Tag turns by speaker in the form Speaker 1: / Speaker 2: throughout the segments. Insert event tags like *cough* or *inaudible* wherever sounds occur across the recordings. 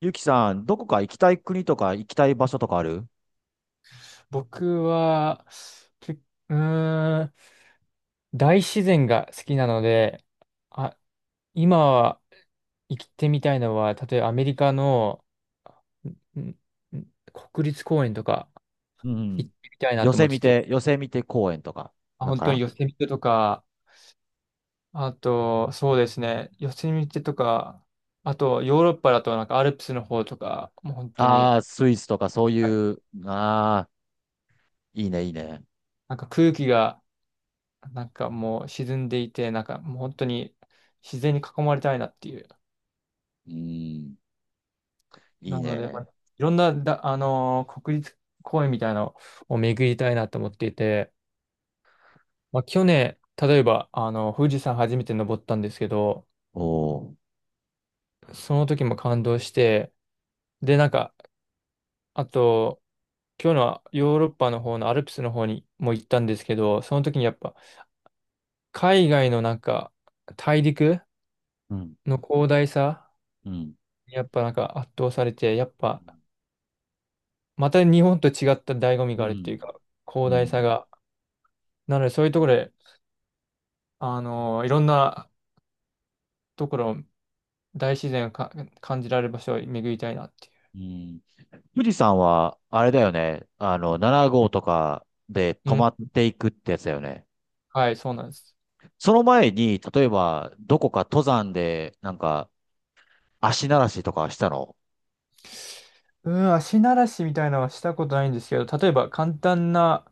Speaker 1: ゆきさん、どこか行きたい国とか行きたい場所とかある？
Speaker 2: 僕は、け、うーん、大自然が好きなので、あ、今は行ってみたいのは、例えばアメリカのんん国立公園とか
Speaker 1: う
Speaker 2: 行
Speaker 1: ん。
Speaker 2: ってみたいなと思ってて、
Speaker 1: ヨセミテ公園とか。だ
Speaker 2: 本
Speaker 1: か
Speaker 2: 当に
Speaker 1: ら。
Speaker 2: ヨセミテとか、あと、そうですね、ヨセミテとか、あとヨーロッパだとアルプスの方とか、もう本当に、
Speaker 1: ああー、スイスとかそう
Speaker 2: はい。
Speaker 1: いう、いいね、いいね。
Speaker 2: 空気がもう沈んでいて、もう本当に自然に囲まれたいなっていう。
Speaker 1: うん、いい
Speaker 2: なので、まあ、
Speaker 1: ね。
Speaker 2: いろんなだ、国立公園みたいなのを巡りたいなと思っていて、まあ、去年、例えば、富士山初めて登ったんですけど、
Speaker 1: おー。
Speaker 2: その時も感動して、で、なんか、あと、今日のはヨーロッパの方のアルプスの方にも行ったんですけど、その時にやっぱ、海外の大陸
Speaker 1: うん、
Speaker 2: の広大さ、
Speaker 1: うん、
Speaker 2: やっぱ圧倒されて、やっ
Speaker 1: う
Speaker 2: ぱ、
Speaker 1: ん、
Speaker 2: また日本と違った醍醐味
Speaker 1: う
Speaker 2: があるってい
Speaker 1: ん、
Speaker 2: うか、
Speaker 1: う
Speaker 2: 広大さ
Speaker 1: ん。
Speaker 2: が。なので、そういうところで、あのいろんなところ、大自然を感じられる場所を巡りたいなっていう。
Speaker 1: うん。富士山は、あれだよね。7号とかで
Speaker 2: う
Speaker 1: 泊まっ
Speaker 2: ん。
Speaker 1: ていくってやつだよね。
Speaker 2: はい、そうなんです。
Speaker 1: その前に、例えば、どこか登山で、なんか、足慣らしとかしたの？
Speaker 2: うん、足慣らしみたいなのはしたことないんですけど、例えば簡単な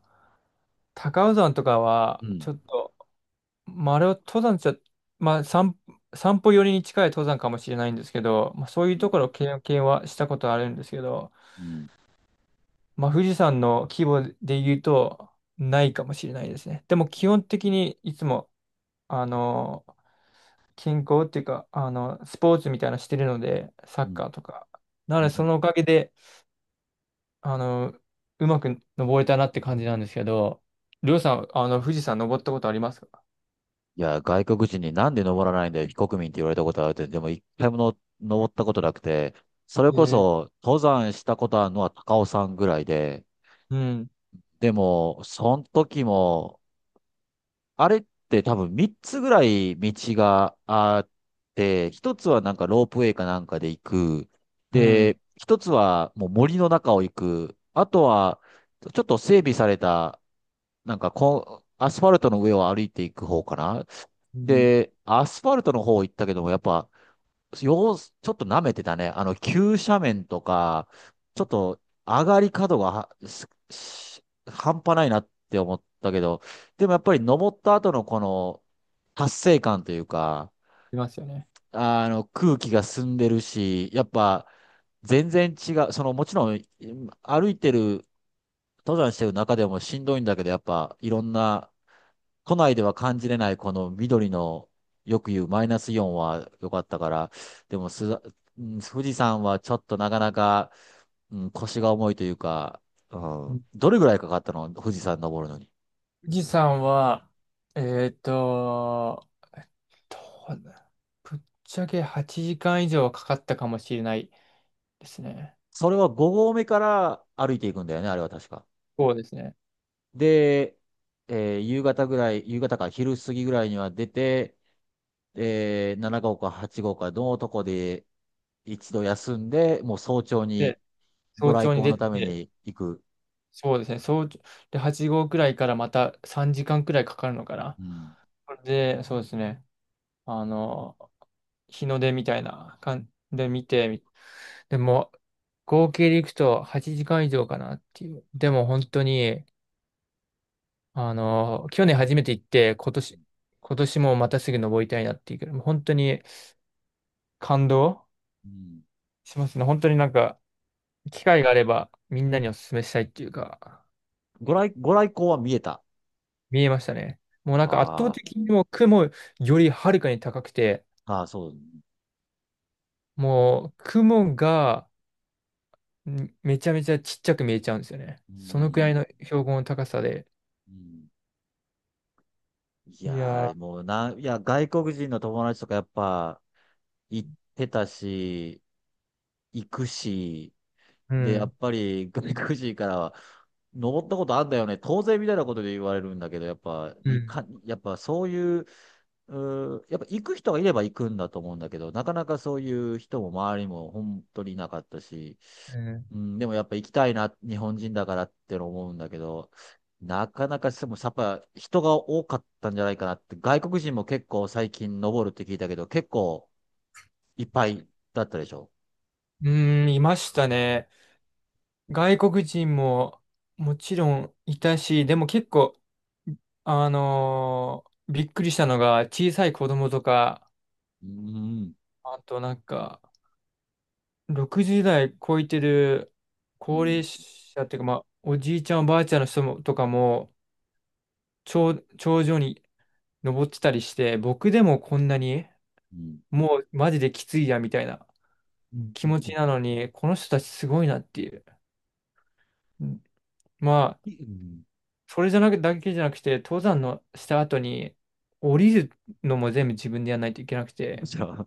Speaker 2: 高尾山とかは、
Speaker 1: う
Speaker 2: ち
Speaker 1: ん。
Speaker 2: ょっと、まあ、あれは登山じゃ、まあ、散歩寄りに近い登山かもしれないんですけど、まあ、そういうところを経験はしたことあるんですけど、
Speaker 1: うん。
Speaker 2: まあ、富士山の規模で言うと、ないかもしれないですね。でも、基本的にいつも、あの、健康っていうか、スポーツみたいなのしてるので、サ
Speaker 1: う
Speaker 2: ッ
Speaker 1: ん。
Speaker 2: カーとか。なの
Speaker 1: う
Speaker 2: で、そ
Speaker 1: ん。
Speaker 2: のおかげで、あの、うまく登れたなって感じなんですけど、りょうさん、富士山登ったことありますか？
Speaker 1: いや、外国人になんで登らないんだよ、非国民って言われたことあるって、でも一回もの登ったことなくて、それ
Speaker 2: え
Speaker 1: こ
Speaker 2: ー、
Speaker 1: そ登山したことあるのは高尾山ぐらいで、
Speaker 2: うん、
Speaker 1: でも、その時も、あれって多分3つぐらい道があって、一つはなんかロープウェイかなんかで行く。
Speaker 2: うん、
Speaker 1: で、1つはもう森の中を行く。あとは、ちょっと整備されたなんかこう、アスファルトの上を歩いていく方かな。
Speaker 2: うん、
Speaker 1: で、アスファルトの方行ったけども、やっぱ、ちょっと舐めてたね。急斜面とか、ちょっと上がり角がはすし半端ないなって思ったけど、でもやっぱり登った後のこの達成感というか、
Speaker 2: ありますよね。
Speaker 1: 空気が澄んでるし、やっぱ、全然違う。その、もちろん、歩いてる登山してる中でもしんどいんだけど、やっぱいろんな、都内では感じれないこの緑の、よく言うマイナスイオンは良かったから、でも、うん。富士山はちょっとなかなか、うん、腰が重いというか、う
Speaker 2: う
Speaker 1: ん、
Speaker 2: ん、
Speaker 1: どれぐらいかかったの富士山登るのに？
Speaker 2: 富士山は、えっと、どうだぶっちゃけ8時間以上はかかったかもしれないですね。
Speaker 1: それは5合目から歩いていくんだよね、あれは確か。
Speaker 2: そうですね。
Speaker 1: で、夕方ぐらい、夕方か昼過ぎぐらいには出て、で、7号か8号かのとこで一度休んで、もう早朝
Speaker 2: で、
Speaker 1: にご
Speaker 2: 早
Speaker 1: 来
Speaker 2: 朝に
Speaker 1: 光
Speaker 2: 出
Speaker 1: のため
Speaker 2: て、
Speaker 1: に行く。
Speaker 2: そうですね。早朝、で、8号くらいからまた3時間くらいかかるのかな。
Speaker 1: うん。
Speaker 2: で、そうですね。あの、日の出みたいな感じで見て、でも、合計でいくと8時間以上かなっていう。でも本当に、あの、去年初めて行って、今年もまたすぐ登りたいなっていうけど、もう本当に感動
Speaker 1: うん。
Speaker 2: しますね。本当に、機会があればみんなにお勧めしたいっていうか、
Speaker 1: ご来光は見えた？
Speaker 2: 見えましたね。もう圧倒
Speaker 1: あ
Speaker 2: 的にもう雲よりはるかに高くて、
Speaker 1: あ、ああ、そう。
Speaker 2: もう雲がめちゃめちゃちっちゃく見えちゃうんですよね。
Speaker 1: う
Speaker 2: そのくら
Speaker 1: ん。
Speaker 2: いの標高の高さで。
Speaker 1: うん。い
Speaker 2: い
Speaker 1: や
Speaker 2: や
Speaker 1: ー、
Speaker 2: ー、
Speaker 1: もうな、いや、外国人の友達とかやっぱ行ってたし、行くし、
Speaker 2: う
Speaker 1: で、や
Speaker 2: ん、
Speaker 1: っぱり外国人からは、登ったことあんだよね。当然みたいなことで言われるんだけど、やっぱ、
Speaker 2: う
Speaker 1: い
Speaker 2: ん、
Speaker 1: か、やっぱそういう。うん、やっぱ行く人がいれば行くんだと思うんだけど、なかなかそういう人も周りも本当になかったし、
Speaker 2: うん、
Speaker 1: うん。でもやっぱ行きたいな日本人だからって思うんだけど、なかなかしてもやっぱ人が多かったんじゃないかなって外国人も結構最近登るって聞いたけど、結構いっぱいだったでしょ？
Speaker 2: うーん、いましたね。外国人ももちろんいたし、でも結構、びっくりしたのが小さい子供とか、
Speaker 1: うん。
Speaker 2: あと、60代超えてる
Speaker 1: うん。う
Speaker 2: 高
Speaker 1: ん。
Speaker 2: 齢者っていうか、まあ、おじいちゃん、おばあちゃんの人もとかも、頂上に登ってたりして、僕でもこんなに、もうマジできついや、みたいな
Speaker 1: うん。
Speaker 2: 気持ち
Speaker 1: う
Speaker 2: なのに、この人たちすごいなっていう。うん。まあ、
Speaker 1: ん。
Speaker 2: それじゃなく、だけじゃなくて、登山のした後に、降りるのも全部自分でやらないといけなく
Speaker 1: む
Speaker 2: て、
Speaker 1: しろ。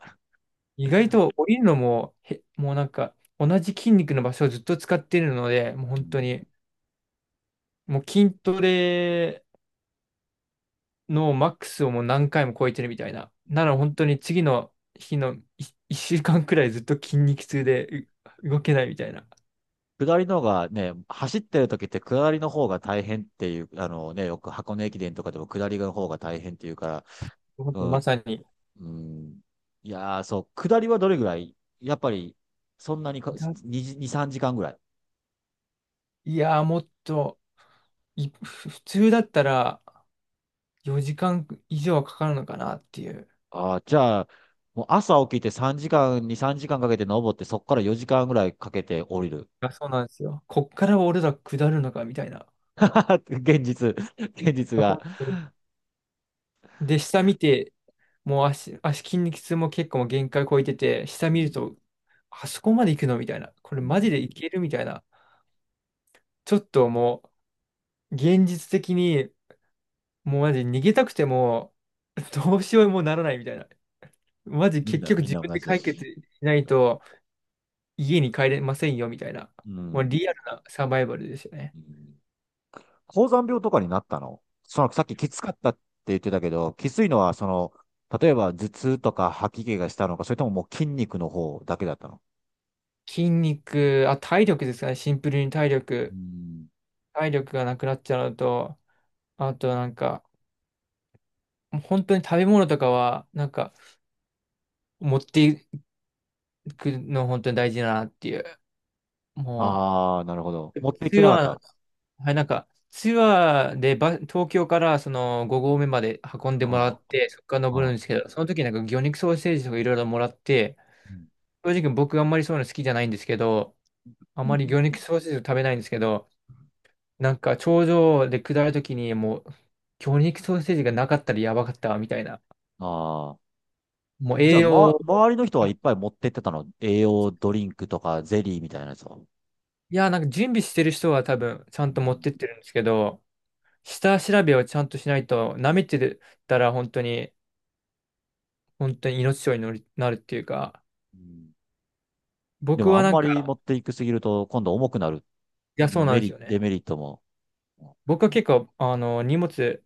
Speaker 2: 意外と降りるのも、もう、同じ筋肉の場所をずっと使ってるので、もう本当に、もう筋トレのマックスをもう何回も超えてるみたいな。なら本当に次の日の1週間くらいずっと筋肉痛で動けないみたいな。
Speaker 1: 下りの方がね、走ってる時って下りの方が大変っていう、あのね、よく箱根駅伝とかでも下りの方が大変っていうから、
Speaker 2: 本当に
Speaker 1: う
Speaker 2: ま
Speaker 1: ん、
Speaker 2: さに。
Speaker 1: うん、いやー、そう、下りはどれぐらいやっぱり、そんなにか、
Speaker 2: だ
Speaker 1: 2、3時間ぐらい。
Speaker 2: いやー、もっと普通だったら4時間以上はかかるのかなっていう。
Speaker 1: ああ、じゃあ、もう朝起きて3時間、2、3時間かけて登って、そこから4時間ぐらいかけて降りる。
Speaker 2: あ、そうなんですよ。こっから俺ら下るのかみたいな。
Speaker 1: *laughs* 現実、現実が。
Speaker 2: 本当に。で、下見て、もう足、足筋肉痛も結構もう限界超えてて、下
Speaker 1: う
Speaker 2: 見る
Speaker 1: ん、
Speaker 2: と、あそこまで行くのみたいな。これ
Speaker 1: う
Speaker 2: マジ
Speaker 1: ん、
Speaker 2: でいけるみたいな。ちょっとも現実的に、もうマジ逃げたくても、どうしようもならないみたいな。マジ結局
Speaker 1: みん
Speaker 2: 自
Speaker 1: な
Speaker 2: 分
Speaker 1: 同
Speaker 2: で
Speaker 1: じだ
Speaker 2: 解決
Speaker 1: し。
Speaker 2: しないと、家に帰れませんよみたいな。
Speaker 1: う
Speaker 2: もう
Speaker 1: ん。
Speaker 2: リアルなサバイバルですよね。
Speaker 1: うん。高山病とかになったのその、さっききつかったって言ってたけど、きついのは、その、例えば頭痛とか吐き気がしたのか、それとももう筋肉の方だけだったの？
Speaker 2: 筋肉、あ、体力ですかね。シンプルに体
Speaker 1: う
Speaker 2: 力。
Speaker 1: ん。
Speaker 2: 体力がなくなっちゃうのと、あとなんか、もう本当に食べ物とかは、持っていくの本当に大事だなっていう。も
Speaker 1: ああ、なるほど。
Speaker 2: う、
Speaker 1: 持っ
Speaker 2: 普
Speaker 1: て行っ
Speaker 2: 通
Speaker 1: てなかっ
Speaker 2: は
Speaker 1: た？
Speaker 2: はい、ツアーで東京からその5合目まで運んでもら
Speaker 1: あ
Speaker 2: って、そこから登
Speaker 1: あ、
Speaker 2: る
Speaker 1: あ
Speaker 2: んですけど、その時魚肉ソーセージとかいろいろもらって、正直僕あんまりそういうの好きじゃないんですけど、あんまり魚肉ソーセージを食べないんですけど、頂上で下る時にもう、魚肉ソーセージがなかったらやばかったわみたいな。
Speaker 1: あ。
Speaker 2: もう
Speaker 1: じゃ
Speaker 2: 栄
Speaker 1: あ、ま、
Speaker 2: 養、
Speaker 1: 周りの人はいっぱい持ってってたの栄養ドリンクとかゼリーみたいなやつを？
Speaker 2: いや、準備してる人は多分ちゃ
Speaker 1: う
Speaker 2: んと持
Speaker 1: ん。
Speaker 2: ってってるんですけど、下調べをちゃんとしないと、舐めてたら本当に、本当に命取りになるっていうか、
Speaker 1: うん。で
Speaker 2: 僕
Speaker 1: も、あ
Speaker 2: は
Speaker 1: ん
Speaker 2: なん
Speaker 1: まり
Speaker 2: か、
Speaker 1: 持っていくすぎると、今度重くなる。
Speaker 2: い
Speaker 1: う
Speaker 2: や、そう
Speaker 1: ん。
Speaker 2: なんですよ
Speaker 1: デ
Speaker 2: ね。
Speaker 1: メリットも。
Speaker 2: 僕は結構、荷物、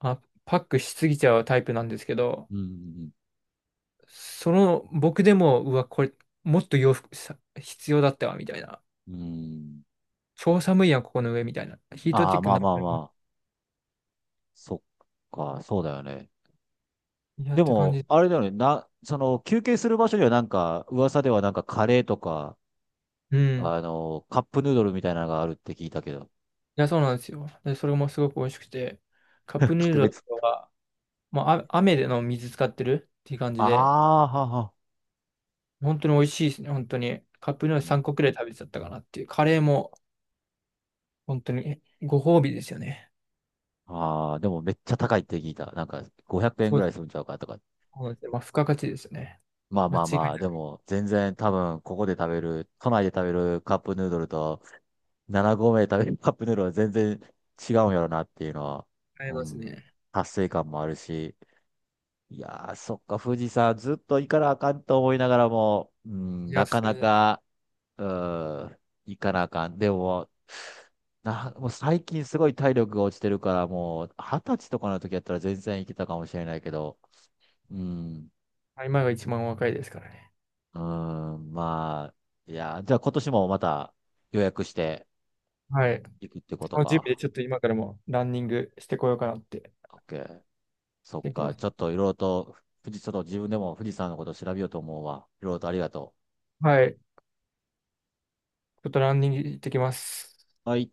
Speaker 2: あ、パックしすぎちゃうタイプなんですけど、
Speaker 1: うん。
Speaker 2: その、僕でも、うわ、これ、もっと洋服、必要だったわ、みたいな。
Speaker 1: うん。
Speaker 2: 超寒いやん、ここの上、みたいな。ヒート
Speaker 1: あ
Speaker 2: チ
Speaker 1: あ、
Speaker 2: ェック
Speaker 1: まあ
Speaker 2: な、い
Speaker 1: まあま、そっか、そうだよね。
Speaker 2: っ
Speaker 1: で
Speaker 2: て感
Speaker 1: も、
Speaker 2: じ。
Speaker 1: あれだよね、その、休憩する場所にはなんか、噂ではなんかカレーとか、
Speaker 2: うん。
Speaker 1: カップヌードルみたいなのがあるって聞いたけど。
Speaker 2: いや、そうなんですよ。で、それもすごく美味しくて、カッ
Speaker 1: *laughs*
Speaker 2: プヌー
Speaker 1: 格
Speaker 2: ドルと
Speaker 1: 別。
Speaker 2: かは、もう、あ、雨での水使ってるっていう感じ
Speaker 1: あ
Speaker 2: で、
Speaker 1: あ、はは。
Speaker 2: 本当に美味しいですね、本当に。カップヌードル
Speaker 1: うん。
Speaker 2: 3個くらい食べちゃったかなっていう。カレーも、本当にご褒美ですよね。
Speaker 1: ああ、でもめっちゃ高いって聞いた。なんか、500円
Speaker 2: そ
Speaker 1: ぐ
Speaker 2: うで
Speaker 1: らい
Speaker 2: す。
Speaker 1: するんちゃうかとか。
Speaker 2: そうですね。まあ、付加価値ですね。
Speaker 1: まあ
Speaker 2: 間
Speaker 1: ま
Speaker 2: 違
Speaker 1: あ
Speaker 2: い
Speaker 1: まあ、
Speaker 2: な
Speaker 1: で
Speaker 2: く
Speaker 1: も、全然多分、ここで食べる、都内で食べるカップヌードルと、7合目で食べる *laughs* カップヌードルは全然違うんやろなっていうのは、
Speaker 2: あり
Speaker 1: う
Speaker 2: ます
Speaker 1: ん、
Speaker 2: ね。
Speaker 1: 達成感もあるし、いやー、そっか、富士山ずっと行かなあかんと思いながらも、うん、
Speaker 2: い
Speaker 1: な
Speaker 2: や、そ
Speaker 1: かな
Speaker 2: うです。
Speaker 1: か、うん、行かなあかん。でも、もう最近すごい体力が落ちてるから、もう20歳とかの時やったら全然行けたかもしれないけど、うん、
Speaker 2: 今が一番若いですからね。
Speaker 1: うん、まあ、いやー、じゃあ今年もまた予約して
Speaker 2: はい。
Speaker 1: 行くってこと
Speaker 2: その準備で
Speaker 1: か？
Speaker 2: ちょっと今からもランニングしてこようかなって。
Speaker 1: OK。そっ
Speaker 2: できま
Speaker 1: か、ちょ
Speaker 2: す。
Speaker 1: っといろいろと、ちょっと自分でも富士山のこと調べようと思うわ。いろいろとありがと
Speaker 2: はい。ちょっとランニング行ってきます。
Speaker 1: う。はい。